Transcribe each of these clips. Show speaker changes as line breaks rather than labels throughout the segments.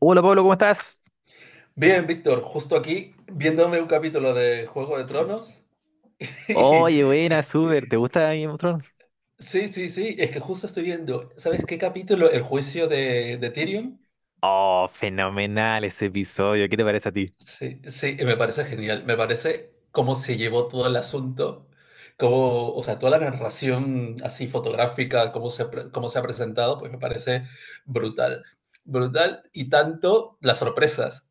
Hola Pablo, ¿cómo estás?
Bien, Víctor, justo aquí viéndome un capítulo de Juego de Tronos. Y,
Oye, buena,
y-
súper. ¿Te gusta Game of Thrones?
sí, sí, sí, es que justo estoy viendo, ¿sabes qué capítulo? El juicio de Tyrion.
Oh, fenomenal ese episodio. ¿Qué te parece a ti?
Sí, sí, y me parece genial. Me parece cómo se llevó todo el asunto, cómo, o sea, toda la narración así fotográfica, cómo se ha presentado, pues me parece brutal. Brutal y tanto las sorpresas.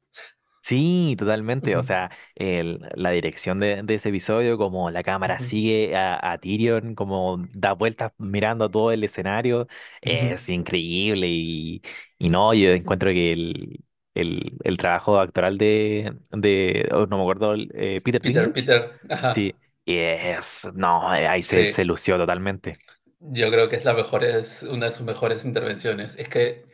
Sí, totalmente.
Ujú,
O sea, la dirección de ese episodio, como la cámara
ujú,
sigue a Tyrion, como da vueltas mirando a todo el escenario,
ujú.
es increíble. Y no, yo encuentro que el trabajo actoral de oh, no me acuerdo, el, Peter
Peter,
Dinklage,
Peter, ajá,
sí, es, no, ahí se
sí.
lució totalmente.
Yo creo que es la mejor, es una de sus mejores intervenciones. Es que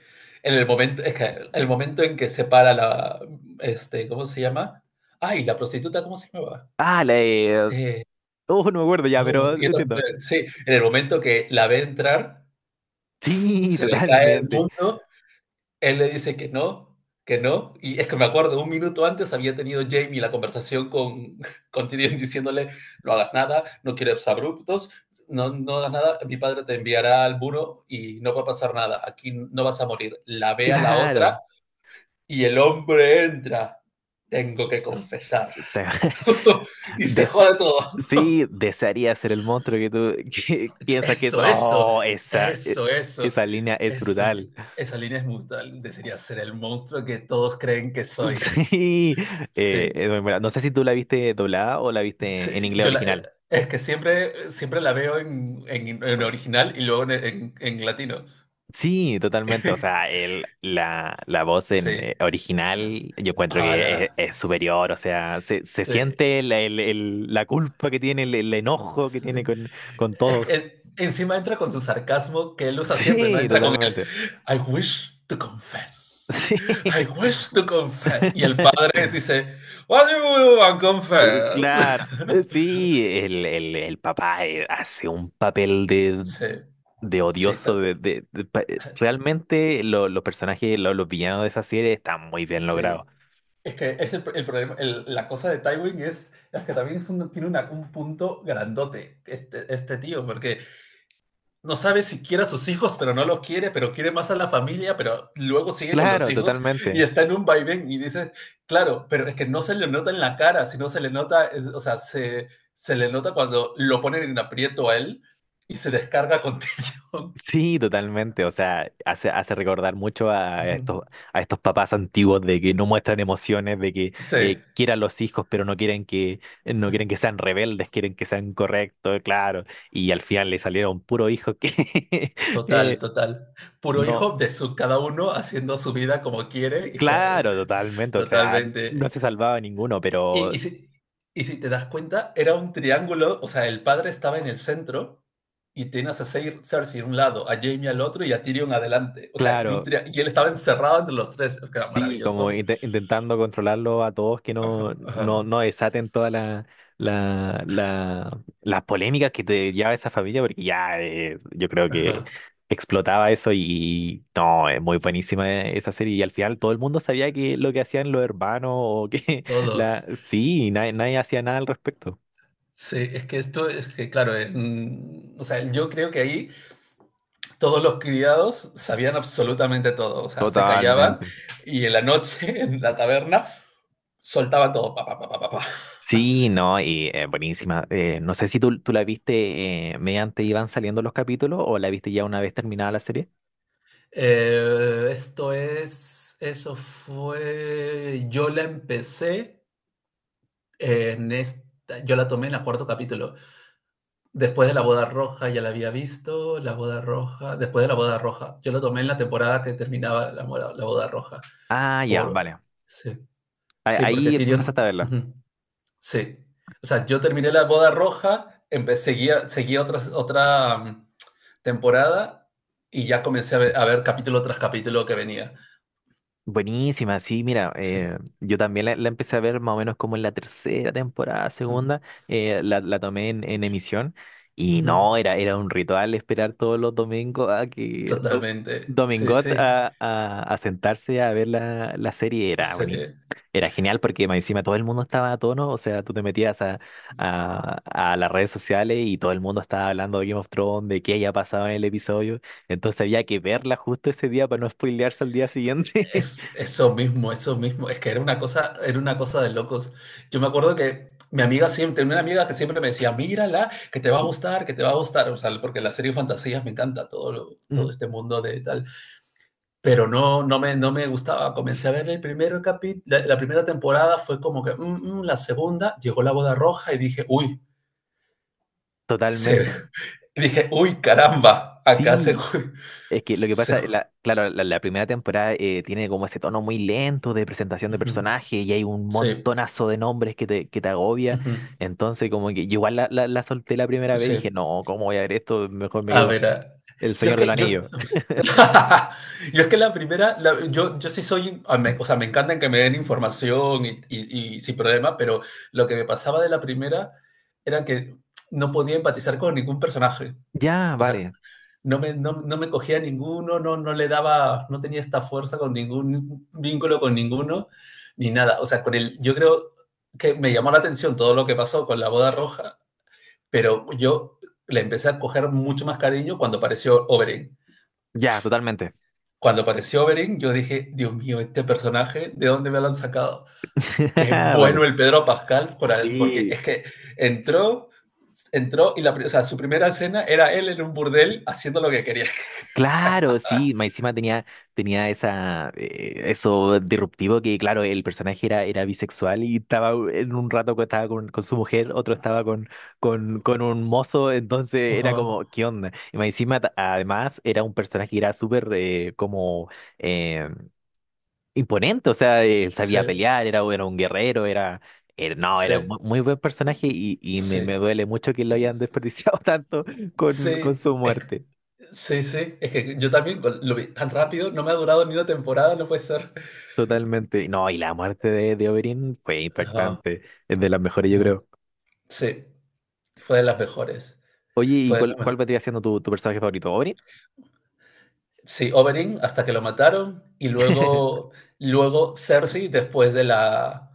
el momento en que se para la, ¿cómo se llama? Ay, la prostituta, ¿cómo se llamaba?
Ah, la de...
Eh,
Oh, no me acuerdo ya, pero entiendo.
sí, en el momento que la ve entrar,
Sí,
se le cae el
totalmente.
mundo. Él le dice que no, que no. Y es que me acuerdo, un minuto antes había tenido Jamie la conversación con, con Tyrion diciéndole, no hagas nada, no quieres abruptos, no, no hagas nada, mi padre te enviará al muro y no va a pasar nada, aquí no vas a morir. La ve a la otra
Claro.
y el hombre entra. Tengo que confesar.
Te-
Y se
des-
jode todo.
Sí, desearía ser el monstruo que tú que piensas que es.
Eso, eso,
Oh, esa,
eso, eso,
esa línea es
eso.
brutal.
Esa línea es brutal. Desearía ser el monstruo que todos creen que soy.
Sí.
Sí.
Es muy buena. No sé si tú la viste doblada o la
Sí,
viste en inglés
yo la
original.
es que siempre siempre la veo en original y luego en latino.
Sí, totalmente. O sea, el, la voz en,
Sí.
original yo encuentro
Ala,
que es superior. O sea, se
sí,
siente la, la culpa que tiene, el enojo que
sí.
tiene con
Es que
todos.
encima entra con su sarcasmo que él usa siempre, ¿no?
Sí,
Entra con el:
totalmente.
"I wish to confess,
Sí.
I wish to confess", y el padre dice: "What do you want to confess?"
Claro. Sí, el papá hace un papel
Sí,
de
sí, ta.
odioso. De, realmente los personajes, los villanos de esa serie están muy bien logrados.
Sí. Es que es el problema, la cosa de Tywin es que también es tiene un punto grandote este tío, porque no sabe si quiere a sus hijos, pero no los quiere, pero quiere más a la familia, pero luego sigue con los
Claro,
hijos y
totalmente.
está en un vaivén y dice, claro, pero es que no se le nota en la cara, sino se le nota, o sea, se le nota cuando lo ponen en aprieto a él y se descarga con Tyrion.
Sí, totalmente. O sea, hace, hace recordar mucho
Ujú.
a estos papás antiguos de que no muestran emociones, de que
Sí.
quieran los hijos, pero no quieren que, no quieren que sean rebeldes, quieren que sean correctos, claro. Y al final le salieron puro hijo que eh,
Total, total. Puro
no,
hijo de su cada uno haciendo su vida como quiere. Y ja.
claro, totalmente. O sea, no se
Totalmente.
salvaba ninguno,
Y,
pero
y si, y si te das cuenta, era un triángulo, o sea, el padre estaba en el centro y tenías a Cersei a un lado, a Jaime al otro y a Tyrion adelante. O sea,
claro.
y él estaba encerrado entre los tres. Que era
Sí, como
maravilloso.
intentando controlarlo a todos que no,
Ajá,
no,
ajá,
no desaten toda la, las polémicas que te lleva esa familia, porque ya yo creo que
ajá.
explotaba eso y no, es muy buenísima esa serie. Y al final todo el mundo sabía que lo que hacían los hermanos o que la
Todos.
sí, nadie, nadie hacía nada al respecto.
Sí, es que esto es que, claro, o sea, yo creo que ahí todos los criados sabían absolutamente todo, o sea, se callaban
Totalmente.
y en la noche, en la taberna, soltaban todo. Pa, pa, pa, pa, pa.
Sí, no, y buenísima. No sé si tú la viste mediante iban saliendo los capítulos o la viste ya una vez terminada la serie.
Esto es, eso fue, yo la empecé yo la tomé en el cuarto capítulo. Después de la boda roja ya la había visto, la boda roja, después de la boda roja, yo la tomé en la temporada que terminaba la boda roja.
Ah, ya,
Por,
vale.
sí,
A-
sí, porque
Ahí empezaste a
Tyrion...
verla.
Uh-huh. Sí. O sea, yo terminé la boda roja, seguía, seguía temporada y ya comencé a ver capítulo tras capítulo que venía.
Buenísima, sí, mira,
Sí.
yo también la empecé a ver más o menos como en la tercera temporada,
Ujú.
segunda, la, la tomé en emisión y
Ujú.
no, era, era un ritual esperar todos los domingos a que
Totalmente. Sí,
Domingot
sí.
a sentarse a ver la, la serie,
La
era buenísimo.
serie.
Era genial porque más encima todo el mundo estaba a tono, o sea, tú te metías a, a las redes sociales y todo el mundo estaba hablando de Game of Thrones, de qué haya pasado en el episodio. Entonces había que verla justo ese día para no spoilearse al día siguiente.
Es eso mismo, eso mismo. Es que era una cosa de locos. Yo me acuerdo que mi amiga siempre, tenía una amiga que siempre me decía, mírala, que te va a gustar, que te va a gustar. O sea, porque la serie de fantasías me encanta todo, todo
Ujú,
este mundo de tal. Pero no me gustaba. Comencé a ver el primer capítulo, la primera temporada fue como que, la segunda, llegó la boda roja y dije, uy, se,
totalmente.
dije, uy, caramba, acá se...
Sí, es que lo que
se-
pasa, la, claro, la primera temporada tiene como ese tono muy lento de presentación de
ujú,
personaje y hay un
sí,
montonazo de nombres que te agobia.
ujú,
Entonces, como que yo igual la, la solté la primera vez y dije,
sí.
no, ¿cómo voy a ver esto? Mejor me
A
quedo
ver,
con
ah,
El Señor del
yo...
Anillo.
Yo es que la primera, yo sí soy, ah, o sea, me encantan que me den información y sin problema, pero lo que me pasaba de la primera era que no podía empatizar con ningún personaje.
Ya,
O sea,
vale.
no me cogía ninguno, no le daba, no tenía esta fuerza con ningún vínculo con ninguno, ni nada. O sea, con el, yo creo que me llamó la atención todo lo que pasó con la boda roja, pero yo le empecé a coger mucho más cariño cuando apareció Oberyn.
Ya, totalmente.
Cuando apareció Oberyn, yo dije, Dios mío, este personaje, ¿de dónde me lo han sacado? Qué bueno
Vale.
el Pedro Pascal, porque es
Sí,
que entró, entró y la, o sea, su primera escena era él en un burdel haciendo lo que quería.
claro, sí, más encima tenía, tenía esa, eso disruptivo que, claro, el personaje era, era bisexual y estaba en un rato que estaba con su mujer, otro estaba con un mozo, entonces
Uh
era
-huh.
como, ¿qué onda? Y más encima, además, era un personaje que era súper como eh, imponente, o sea, él
Sí.
sabía pelear, era, era un guerrero, era, no,
Sí,
era muy, muy buen personaje y me
sí,
duele mucho que lo hayan desperdiciado tanto con
sí,
su
es,
muerte.
sí, sí, es que yo también lo vi tan rápido, no me ha durado ni una temporada, no puede ser.
Totalmente. No, y la muerte de Oberyn fue
Ajá,
impactante. Es de las mejores, yo
ujú.
creo.
Sí, fue de las mejores,
Oye, ¿y
fue de
cuál,
las me-
cuál vendría siendo tu, tu personaje favorito? ¿Oberyn?
sí, Oberyn hasta que lo mataron y luego, luego Cersei después de la,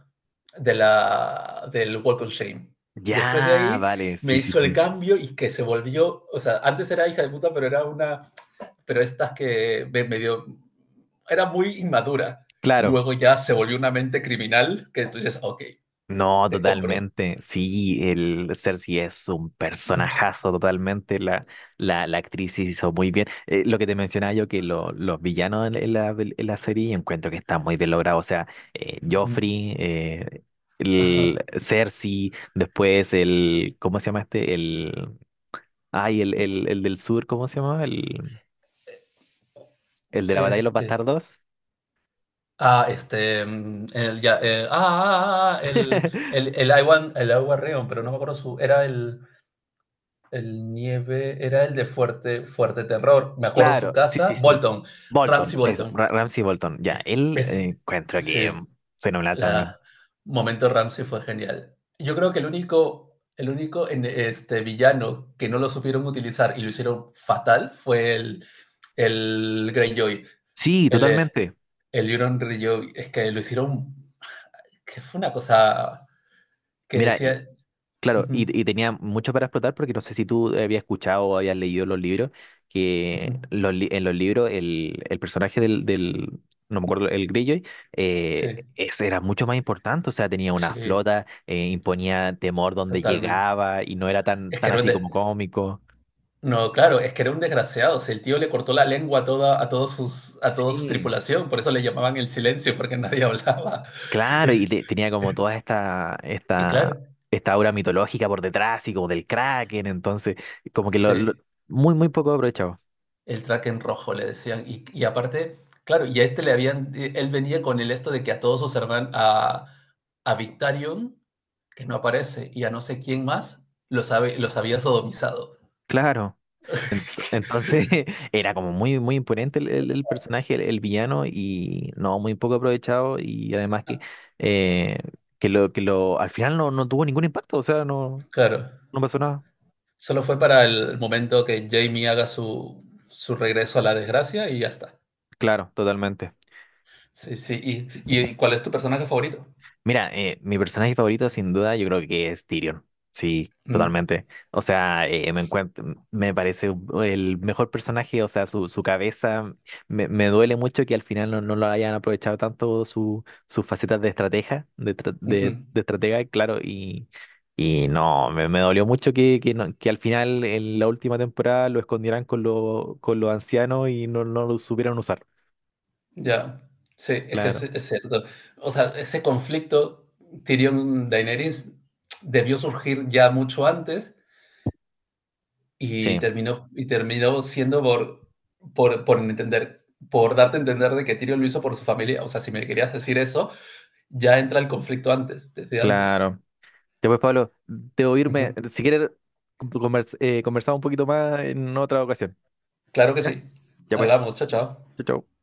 de la, del Walk of Shame. Después de
Ya,
ahí
vale,
me
sí, sí,
hizo el
sí.
cambio y que se volvió, o sea, antes era hija de puta, pero era una, pero estas que me medio... Era muy inmadura.
Claro,
Luego ya se volvió una mente criminal que entonces dices, ok,
no,
te compro.
totalmente. Sí, el Cersei es un personajazo totalmente. La actriz hizo muy bien. Lo que te mencionaba yo, que los villanos en la, en la en la serie encuentro que están muy bien logrados. O sea, Joffrey, el Cersei, después el, ¿cómo se llama este? El, ay, el del sur, ¿cómo se llama? El de la batalla de los
Este,
bastardos.
ah, este, mm, el, ya, el- ah, ah, ah, ah, ah, el agua Want pero no me acuerdo su, era el nieve, era el de fuerte, fuerte terror, me acuerdo su
Claro, sí,
casa,
sí, sí.
Bolton, Ramsay
Bolton, es
Bolton,
Ramsey Bolton. Ya, él
es,
encuentro que
sí.
fenomenal también.
La momento Ramsey fue genial. Yo creo que el único, villano que no lo supieron utilizar y lo hicieron fatal fue el Greyjoy,
Sí,
el, eh,
totalmente.
el Euron Greyjoy. Es que lo hicieron, que fue una cosa que
Mira, y
decía...
claro,
ujú,
y tenía mucho para explotar porque no sé si tú habías escuchado o habías leído los libros,
ujú,
que los en los libros el personaje del, no me acuerdo, el Greyjoy,
sí,
ese era mucho más importante, o sea, tenía una
sí,
flota, imponía temor donde
totalmente.
llegaba y no era tan,
Es que
tan
era
así como cómico.
no, claro, es que era un desgraciado. O sea, el tío le cortó la lengua a toda, a todos sus, a toda su
Sí.
tripulación, por eso le llamaban el silencio, porque nadie hablaba.
Claro, y tenía como toda esta,
Y
esta,
claro,
esta aura mitológica por detrás y como del Kraken, entonces, como que lo,
sí,
muy, muy poco aprovechado.
el Kraken rojo le decían. Y aparte, claro, y a este le habían, él venía con el esto de que a todos sus hermanos, a Victarion, que no aparece, y a no sé quién más, los, los había sodomizado.
Claro. Entonces era como muy, muy imponente el, el personaje, el villano, y no, muy poco aprovechado, y además eh, que lo, al final no, no tuvo ningún impacto, o sea, no,
Claro,
no pasó nada.
solo fue para el momento que Jamie haga su, su regreso a la desgracia y ya está.
Claro, totalmente.
Sí, sí. ¿Y cuál es tu personaje favorito?
Mira, mi personaje favorito sin duda yo creo que es Tyrion. Sí,
Mm,
totalmente. O sea, me encuentro, me parece el mejor personaje, o sea, su cabeza, me duele mucho que al final no, no lo hayan aprovechado tanto su, sus facetas de estratega, de,
ujú.
de estratega, claro, y no, me dolió mucho que, que al final en la última temporada lo escondieran con lo con los ancianos y no, no lo supieran usar.
Ya, sí, es que
Claro,
es cierto. O sea, ese conflicto Tyrion-Daenerys debió surgir ya mucho antes
sí,
y terminó siendo por entender, por darte a entender de que Tyrion lo hizo por su familia. O sea, si me querías decir eso, ya entra el conflicto antes, desde antes.
claro. Ya pues, Pablo, debo irme.
Ujú.
Si quieres, conversamos un poquito más en otra ocasión.
Claro que
¿Ya?
sí.
Ya pues.
Hablamos, chao, chao.
Chau, chau.